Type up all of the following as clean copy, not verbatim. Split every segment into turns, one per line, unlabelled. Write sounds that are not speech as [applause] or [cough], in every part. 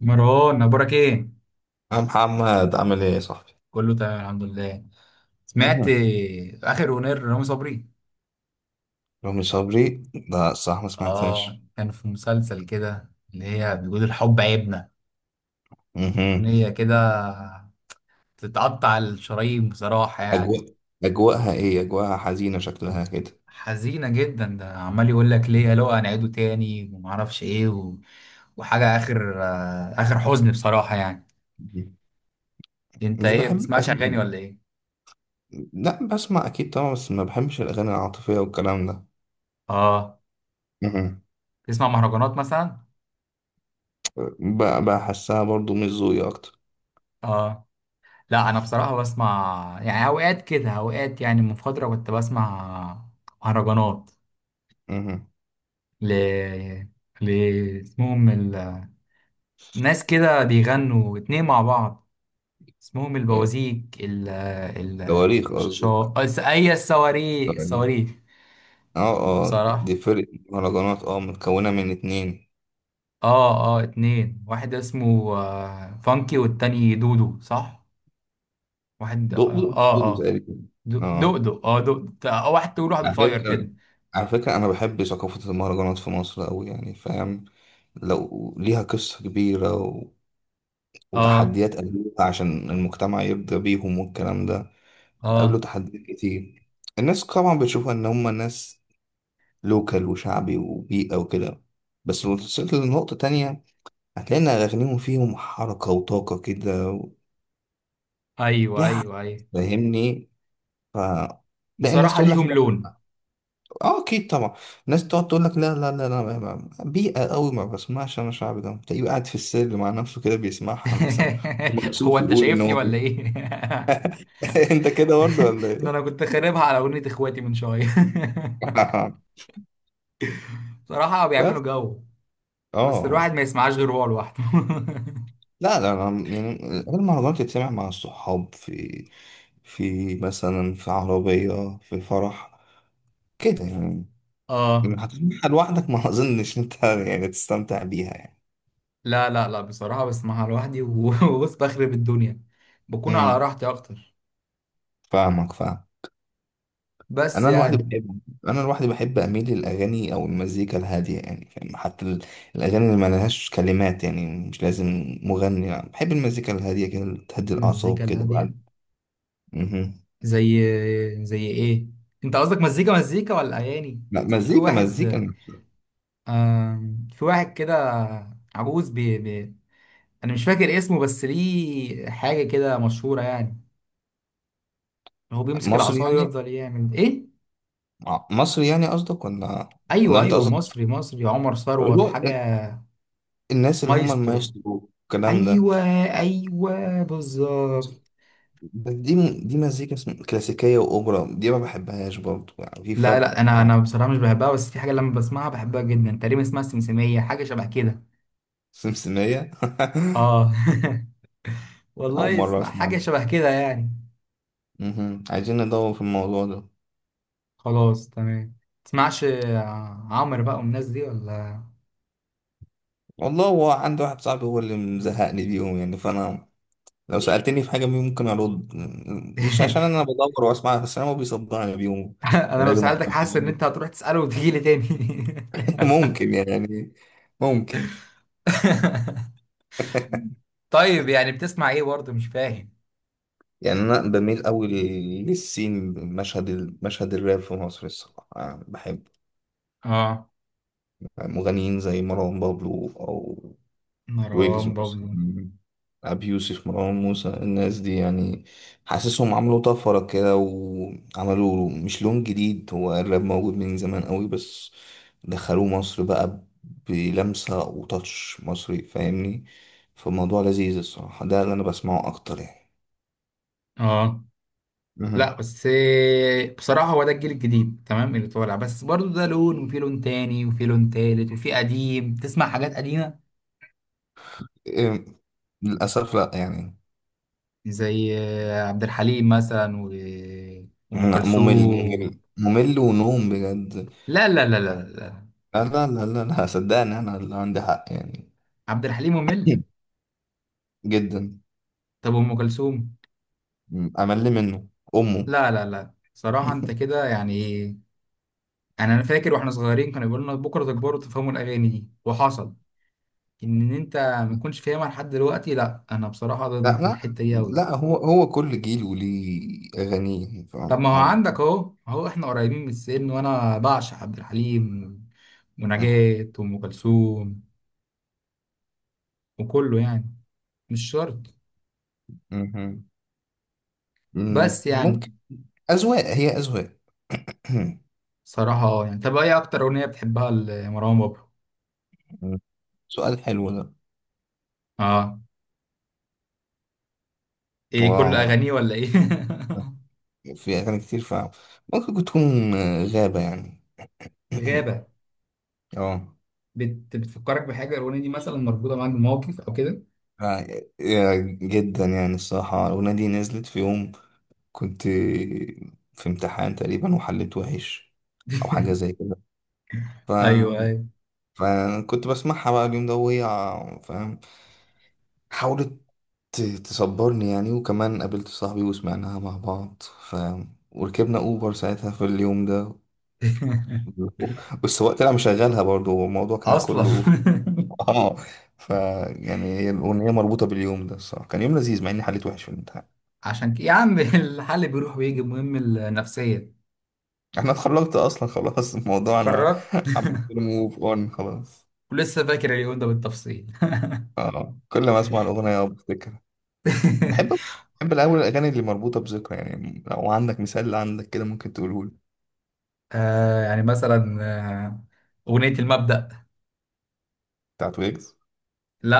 مروان، اخبارك ايه؟
يا محمد عامل ايه يا صاحبي؟
كله تمام، الحمد لله. سمعت
مهم.
اخر اغنيه لرامي صبري؟
رامي صبري، لا الصراحة ما
اه،
سمعتهاش.
كان في مسلسل كده اللي هي بيقول الحب عيبنا.
مهم.
اغنيه كده. تتقطع الشرايين بصراحه يعني.
أجواء أجواءها إيه؟ أجواءها حزينة شكلها كده.
حزينه جدا، ده عمال يقول لك ليه
[laughs]
لو هنعيده تاني ومعرفش ايه وحاجه اخر اخر حزن بصراحه يعني.
مهم.
انت
مش
ايه،
بحب
بتسمعش اغاني
الأغاني.
ولا ايه؟
لا بسمع أكيد طبعا، بس ما بحبش الأغاني العاطفية والكلام ده.
اه.
مهم.
تسمع مهرجانات مثلا؟
بحسها برضو مش ذوقي أكتر.
اه، لا، انا بصراحه بسمع، يعني اوقات كده اوقات، يعني من فتره كنت بسمع مهرجانات.
مهم.
ل ل اسمهم ال... ناس كده بيغنوا اتنين مع بعض، اسمهم
إيه،
البوازيك. ال ال
تواريخ قصدك.
اي الصواريخ،
تواريخ. اه، اه
بصراحه.
دي فرقة مهرجانات متكونة من اتنين.
اه، اه، اتنين، واحد اسمه فانكي والتاني دودو، صح؟ واحد، اه.
دقدق
اه،
وسودو
آه.
تقريبا. اه،
دودو واحد طويل واحد
على
قصير
فكرة
كده.
على فكرة أنا بحب ثقافة المهرجانات في مصر أوي، يعني فاهم؟ لو ليها قصة كبيرة
اه،
وتحديات قابلوها عشان المجتمع يرضى بيهم والكلام ده. قابلوا
اه،
تحديات كتير. الناس طبعا بتشوفها إن هما ناس لوكال وشعبي وبيئة وكده. بس لو وصلت لنقطة تانية هتلاقي إن أغانيهم فيهم حركة وطاقة كده
ايوه،
فيها حاجة،
ايوه، ايوه.
فاهمني؟ ف تلاقي الناس
بصراحة
تقول لك
ليهم لون.
اه اكيد طبعا. الناس تقعد تقول لك لا لا لا لا بيئه قوي ما بسمعش، انا شعبي ده، تلاقيه قاعد في السر مع نفسه كده بيسمعها مثلا.
[laughs] هو
ومكسوف
انت
يقول ان
شايفني
هو
ولا ايه؟ [laughs]
[laughs] انت كده برضه ولا
ده انا
ايه؟
كنت خاربها على اغنية اخواتي من شوية. [laughs]
[laughs]
بصراحة بيعملوا
بس.
جو، بس
اه،
الواحد ما يسمعهاش غير هو لوحده.
لا لا أنا يعني المهرجانات تتسمع مع الصحاب، في مثلا في عربيه، في فرح، كده يعني.
[laughs] اه،
هتسمعها لوحدك؟ ما اظنش انت يعني تستمتع بيها يعني.
لا، لا، لا، بصراحة بسمعها لوحدي [laughs] وبص، بخرب الدنيا. بكون على
امم
راحتي اكتر،
فاهمك فاهم.
بس
انا لوحدي
يعني.
بحب انا لوحدي بحب اميل للاغاني او المزيكا الهاديه يعني فاهم، حتى الاغاني اللي ما لهاش كلمات، يعني مش لازم مغني، يعني بحب المزيكا الهاديه كده اللي تهدي
مزيكا
الاعصاب كده بعد.
الهادية؟
مهم.
زي زي ايه؟ انت قصدك مزيكا مزيكا ولا اغاني؟
لا،
اصل في
مزيكا
واحد،
مزيكا نفسها.
في واحد كده، عجوز بي بي، انا مش فاكر اسمه، بس ليه حاجه كده مشهوره يعني. هو بيمسك
مصري
العصايه
يعني؟
ويفضل يعمل ايه.
مصري يعني قصدك ولا؟ ولا
ايوه،
انت
ايوه،
قصدك
مصري، مصري، عمر ثروت
هو ال-
حاجه.
الناس اللي هم
مايسترو.
المايسترو الكلام ده؟
ايوه، ايوه، بالظبط.
بس دي دي مزيكا كلاسيكيه واوبرا، دي ما بحبهاش برضه يعني، في
لا،
فرق
لا، انا
فاهم.
انا بصراحه مش بحبها، بس في حاجه لما بسمعها بحبها جدا، تقريبا اسمها السمسميه، حاجه شبه كده.
سمسميه.
اه.
[laughs]
[laughs]
اول
والله،
مره
اسمع
اسمع.
حاجه شبه كده يعني.
مهم. عايزين ندور في الموضوع ده.
خلاص، تمام. تسمعش عمرو بقى والناس دي ولا؟
والله هو عندي واحد صاحبي هو اللي مزهقني بيهم، يعني فانا لو سألتني في حاجة بيهم ممكن أرد، مش عشان
[laughs]
أنا بدور وأسمعها، بس أنا ما بيصدقني بيهم
[laughs] انا لو
ولازم واحد
سألتك حاسس
يقول
ان
لي.
انت هتروح تسأله وتيجي لي تاني. [laughs]
[laughs] ممكن يعني، ممكن.
[laughs] طيب، يعني بتسمع ايه برضه؟ مش فاهم.
يعني أنا بميل أوي للسين، مشهد الراب في مصر الصراحة أنا بحب
اه،
مغنيين زي مروان بابلو، او
مروان
ويجز
بابلو؟
مثلا، أبي يوسف، مروان موسى، الناس دي يعني. حاسسهم عملوا طفرة كده وعملوا مش لون جديد، هو الراب موجود من زمان قوي بس دخلوه مصر بقى بلمسة وتاتش مصري، فاهمني؟ فالموضوع لذيذ الصراحة، ده اللي أنا بسمعه أكتر يعني.
اه. لا
مهم.
بس إيه، بصراحة هو ده الجيل الجديد تمام اللي طالع، بس برضو ده لون وفي لون تاني وفي لون تالت وفي قديم تسمع حاجات قديمة،
إيه، للأسف لأ يعني.
زي عبد الحليم مثلا وأم
لأ، ممل
كلثوم.
ممل ممل ونوم بجد.
لا، لا، لا، لا، لا،
لا لا لا لا لا، صدقني أنا اللي عندي حق يعني.
عبد الحليم ممل؟
[laughs] جدا.
طب أم كلثوم؟
امل منه. امه.
لا، لا، لا، صراحة أنت
[laughs]
كده يعني. يعني انا فاكر واحنا صغيرين كانوا بيقولوا لنا بكره تكبروا تفهموا الاغاني دي، وحصل ان انت ما تكونش فاهمها لحد دلوقتي. لا انا بصراحه
لا
ضد
لا
الحته دي قوي.
لا، هو هو كل جيل وليه اغانيه
طب
فاهم؟
ما هو
او.
عندك اهو اهو، احنا قريبين من السن وانا بعشق عبد الحليم ونجاة وام كلثوم وكله يعني. مش شرط.
مهم. مم.
بس يعني
ممكن. اذواق هي اذواق.
صراحه اه يعني. طب ايه اكتر اغنيه بتحبها لمروان بابلو؟
[clears throat] سؤال حلو ده.
اه، ايه، كل
واو.
اغانيه ولا ايه؟
في اغاني كتير فاهم. ممكن تكون غابة يعني.
[laughs]
[clears throat]
غابه.
اه،
بتفكرك بحاجه، الاغنيه دي مثلا مربوطه معاك بموقف او كده؟
آه، جدا يعني الصراحة الأغنية دي نزلت في يوم كنت في امتحان تقريبا وحليت وحش. أو حاجة
[laughs]
زي كده.
ايوه، ايوه.
فكنت بسمعها بقى اليوم ده، وهي فاهم حاولت تصبرني يعني. وكمان قابلت صاحبي وسمعناها مع بعض فاهم، وركبنا أوبر ساعتها في اليوم ده.
[laughs]
والسواق طلع مشغلها برضه، والموضوع كان
اصلا.
كله [laughs] اه. ف يعني هي الأغنية مربوطة باليوم ده الصراحة، كان يوم لذيذ مع إني حليت وحش في الامتحان.
[laughs] عشان كده يا عم، الحل بيروح ويجي، المهم النفسيه.
[laughs] أنا اتخرجت أصلا خلاص الموضوع، أنا
اتخرجت
[laughs] عملت له موف أون خلاص.
ولسه فاكر اليوم ده بالتفصيل؟ [laughs]
اه، كل ما أسمع الأغنية بفتكر. بحب بحب الأول الأغاني اللي مربوطة بذكرى، يعني لو عندك مثال عندك كده ممكن تقوله لي.
آه، يعني مثلا اغنيه المبدأ.
بتاعت ويجز؟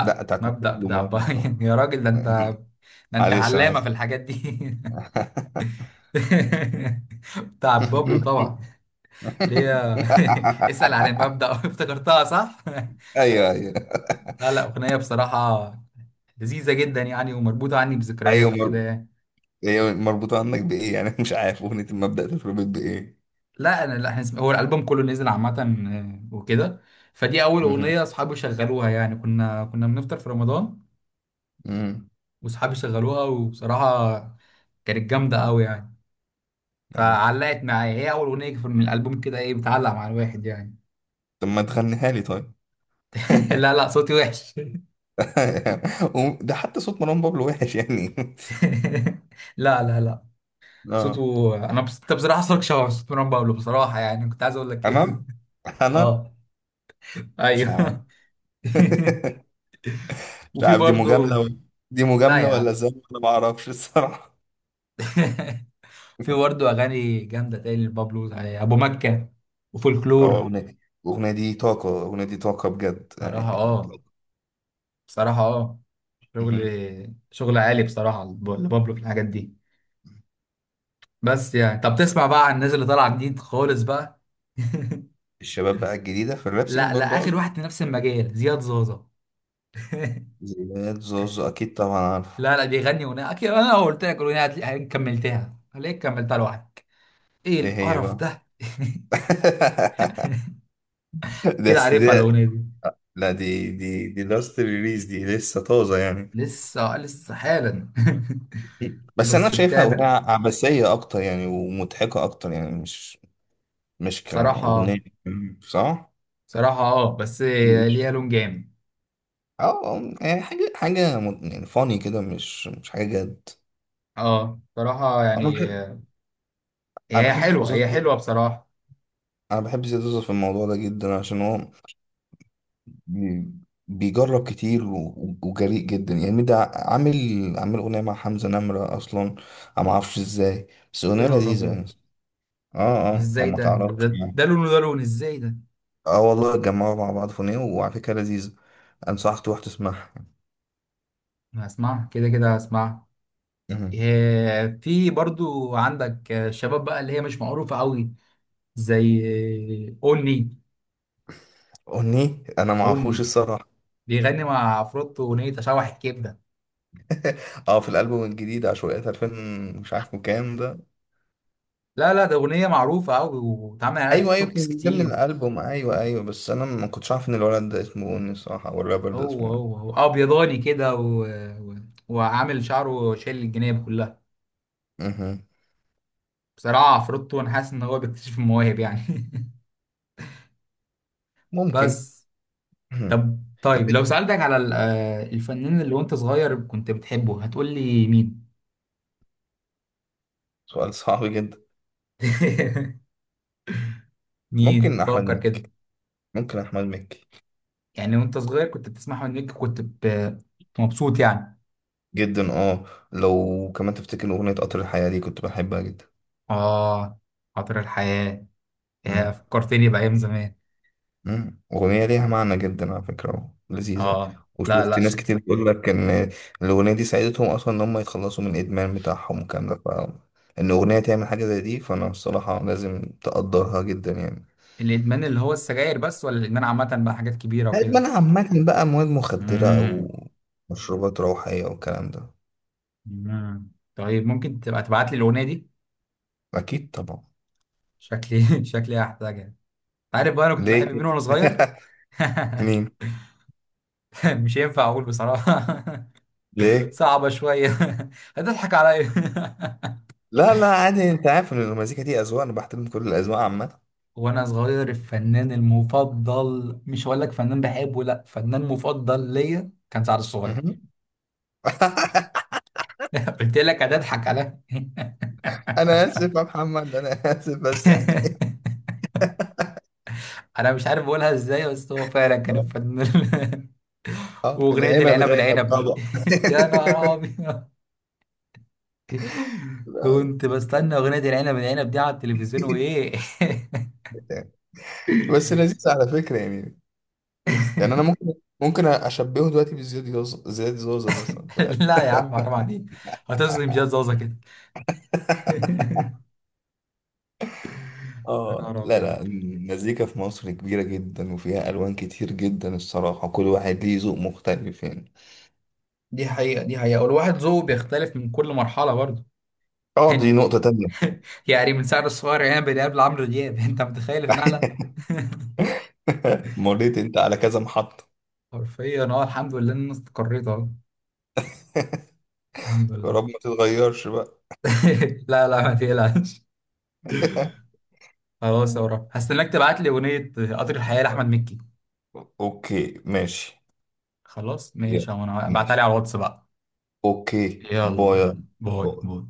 لا، بتاعت
مبدأ
محمود
بتاع
ومروان
باين؟ [laughs] يا راجل ده انت،
بابلو.
ده
[laughs]
انت
معلش أنا
علامه في
آسف.
الحاجات دي. [laughs] بتاع بابلو
[laughs]
طبعا، اللي هي، [laughs] اسأل عن المبدأ. [laughs] افتكرتها، صح؟ [laughs]
أيوه أيوه
لا، لا، اغنيه بصراحه لذيذه جدا يعني، ومربوطه عني
أيوه.
بذكريات وكده يعني.
هي مربوطة عندك بإيه يعني؟ [laughs] مش عارف أغنية المبدأ تتربط بإيه.
لا انا، لا احنا، هو الالبوم كله نزل عامه وكده. فدي اول
مهم.
اغنيه اصحابي شغلوها، يعني كنا بنفطر في رمضان،
مهم.
واصحابي شغلوها وبصراحه كانت جامده قوي يعني.
أيوه.
فعلقت معايا، هي اول اغنيه من الالبوم، كده ايه بتعلق مع الواحد يعني.
طب ما تغنيها لي طيب.
[laughs] لا، لا، صوتي وحش.
[laughs] ده حتى صوت مروان بابلو وحش يعني. [laughs]
[laughs] لا، لا، لا،
اه،
صوته انا انت بصراحه صوتك شبه صوت مروان بابلو بصراحه، يعني كنت عايز اقول لك ايه.
تمام.
[laughs]
انا
اه،
مش عارف.
ايوه. [laughs]
[laughs] مش
وفي
عارف دي مجاملة
برضه،
دي
لا
مجاملة
يا
ولا
عم.
ازاي، انا ما اعرفش الصراحة.
[laughs] في
[laughs]
برضه اغاني جامده تاني لبابلو، يعني ابو مكه
اه
وفولكلور.
اغنية، الاغنية دي طاقة، الاغنية دي طاقة بجد
صراحه
يعني.
اه، بصراحه اه، شغل
مهم.
شغل عالي بصراحه لبابلو في الحاجات دي. بس يعني طب، تسمع بقى عن الناس اللي طالعه جديد خالص بقى؟ [laughs]
الشباب بقى الجديدة في الراب سين
لا، لا،
برضو
اخر
قصدي.
واحد في نفس المجال، زياد زوزة. [laughs]
زياد زوزو اكيد طبعا عارفه.
لا، لا، بيغني اغنيه اكيد، انا لو قلت لك الاغنيه هتلاقي، هتلاقيك كملتها، هلاقيك كملتها لوحدك. ايه
ايه هي
القرف
بقى؟
ده!
[laughs]
[laughs] كده
بس
عارفها
ده.
الاغنيه دي؟
لا، دي لاست ريليز، دي لسه طازة يعني.
لسه حالا. [laughs]
بس انا
بس
شايفها اغنية
بتعمل،
عبثية اكتر يعني، ومضحكة اكتر يعني، مش كاغنية،
بصراحة
صح؟
بصراحة اه، بس ليها لون جامد.
اه، يعني حاجة يعني فاني كده، مش حاجة جد.
اه، بصراحة
انا
يعني،
بحب انا
هي
بحب
حلوة، هي
زوزو،
حلوة بصراحة.
انا بحب زياد زوزو في الموضوع ده جدا عشان هو بي- بيجرب كتير وجريء جدا يعني، ده عامل اغنية مع حمزة نمرة اصلا، انا ما اعرفش ازاي، بس
يا
اغنية
نهار
لذيذة
أبيض،
يعني. اه
بس
اه لو
ازاي
ما تعرفش يعني.
ده لون وده لون، ازاي ده؟
اه، والله اتجمعوا مع بعض في اغنية وعلى فكرة لذيذة، انصحك تروح تسمعها.
أنا هسمعها كده كده، هسمعها.
مهم.
إيه، في برضو عندك شباب بقى اللي هي مش معروفة قوي، زي أوني
اغنية انا ما اعرفوش
أوني
الصراحة.
بيغني مع عفروتو أغنية أشوح الكبدة.
[laughs] اه، في الالبوم الجديد عشوائيات 2000، مش عارف كام ده.
لا، لا، ده أغنية معروفة أوي، واتعمل عليها
ايوه
تيك
ايوه
توكس
كان من ضمن
كتير.
الالبوم، ايوه ايوه، بس انا ما كنتش عارف ان الولد ده اسمه بوني الصراحه، او الرابر ده
هو
اسمه بوني.
هو هو ابيضاني كده و... وعامل شعره شايل الجناب كلها.
مهم.
بصراحه عفروتو انا حاسس ان هو بيكتشف المواهب يعني. [laughs]
ممكن.
بس،
مهم.
طب
طب
طيب لو
إيه؟
سالتك على الفنان اللي وانت صغير كنت بتحبه، هتقول لي مين؟
سؤال صعب جدا.
[laughs] مين،
ممكن احمد
فكر كده.
مكي ممكن احمد مكي
يعني وانت صغير كنت بتسمع، منك كنت مبسوط يعني؟
جدا اه. لو كمان تفتكر اغنيه قطر الحياه دي كنت بحبها
اه، خاطر الحياه؟ يا،
جدا.
فكرتني بايام زمان.
مم. أغنية ليها معنى جدا على فكرة لذيذة.
اه، لا لا
وشفت ناس
شكل.
كتير بتقول لك إن الأغنية دي ساعدتهم أصلا إن هم يتخلصوا من الإدمان بتاعهم والكلام ده، فإن أغنية تعمل حاجة زي دي فأنا الصراحة لازم تقدرها جدا يعني.
الادمان اللي هو السجاير بس، ولا الادمان عامه بقى، حاجات كبيره وكده؟
الإدمان عامة بقى، مواد مخدرة أو
امم.
مشروبات روحية والكلام ده.
طيب ممكن تبقى تبعت لي الاغنيه دي؟
أكيد طبعا.
شكلي. [laughs] شكلي هحتاجها. انت عارف بقى انا كنت
ليه
بحب مين
كده؟
وانا صغير؟
[laughs] مين؟
[laughs] مش ينفع اقول بصراحه. [laughs]
ليه؟
صعبه شويه. [laughs] هتضحك عليا.
لا لا عادي، أنت عارف إن المزيكا دي أذواق، أنا بحترم كل الأذواق عامة.
[laughs] وانا صغير الفنان المفضل، مش هقول لك فنان بحبه، لا، فنان مفضل ليا، كان سعد الصغير.
مهم. [laughs]
[laughs] قلت لك هتضحك عليا. [laughs]
أنا آسف يا محمد، أنا آسف بس يعني. [laughs]
انا مش عارف اقولها ازاي، بس هو فعلا كان
اه،
الفنان. [laughs] واغنيه
العنب
العنب
العنب
العنب دي.
طبعا.
[laughs] يا نهار
[laughs]
ابيض،
لا،
كنت بستنى اغنيه العنب العنب دي على التلفزيون وايه. [laughs]
لا. بس لذيذ على فكرة يعني. يعني انا ممكن اشبهه دلوقتي بزياد زوزة مثلا
لا يا عم، حرام عليك، هتظلم جهاز زازا
[laughs]
كده. [laughs] يا
اه،
نهار
لا
ابيض،
لا، المزيكا في مصر كبيرة جدا وفيها الوان كتير جدا الصراحة، كل واحد ليه ذوق مختلف يعني.
دي حقيقه، دي حقيقه، والواحد ذوقه بيختلف من كل مرحله برضه
اه، دي
يعني.
نقطة تانية.
[laughs] يعني من سعر الصغير عنب العنب لعمرو دياب، [laughs] انت متخيل النقله؟ [laughs]
[laughs] مريت انت على كذا محطة.
حرفيا، اه، الحمد لله ان انا استقريت اهو، الحمد
يا
لله.
رب ما تتغيرش بقى.
[laughs] لا، لا، ما تقلقش.
[laughs]
خلاص يا ورا، هستناك تبعت لي اغنيه قطر الحياه لاحمد مكي.
اوكي ماشي.
خلاص ماشي
يلا
يا عم، انا ابعتها لي
ماشي.
على الواتس بقى.
اوكي،
يلا،
باي
يلا، باي،
باي.
باي.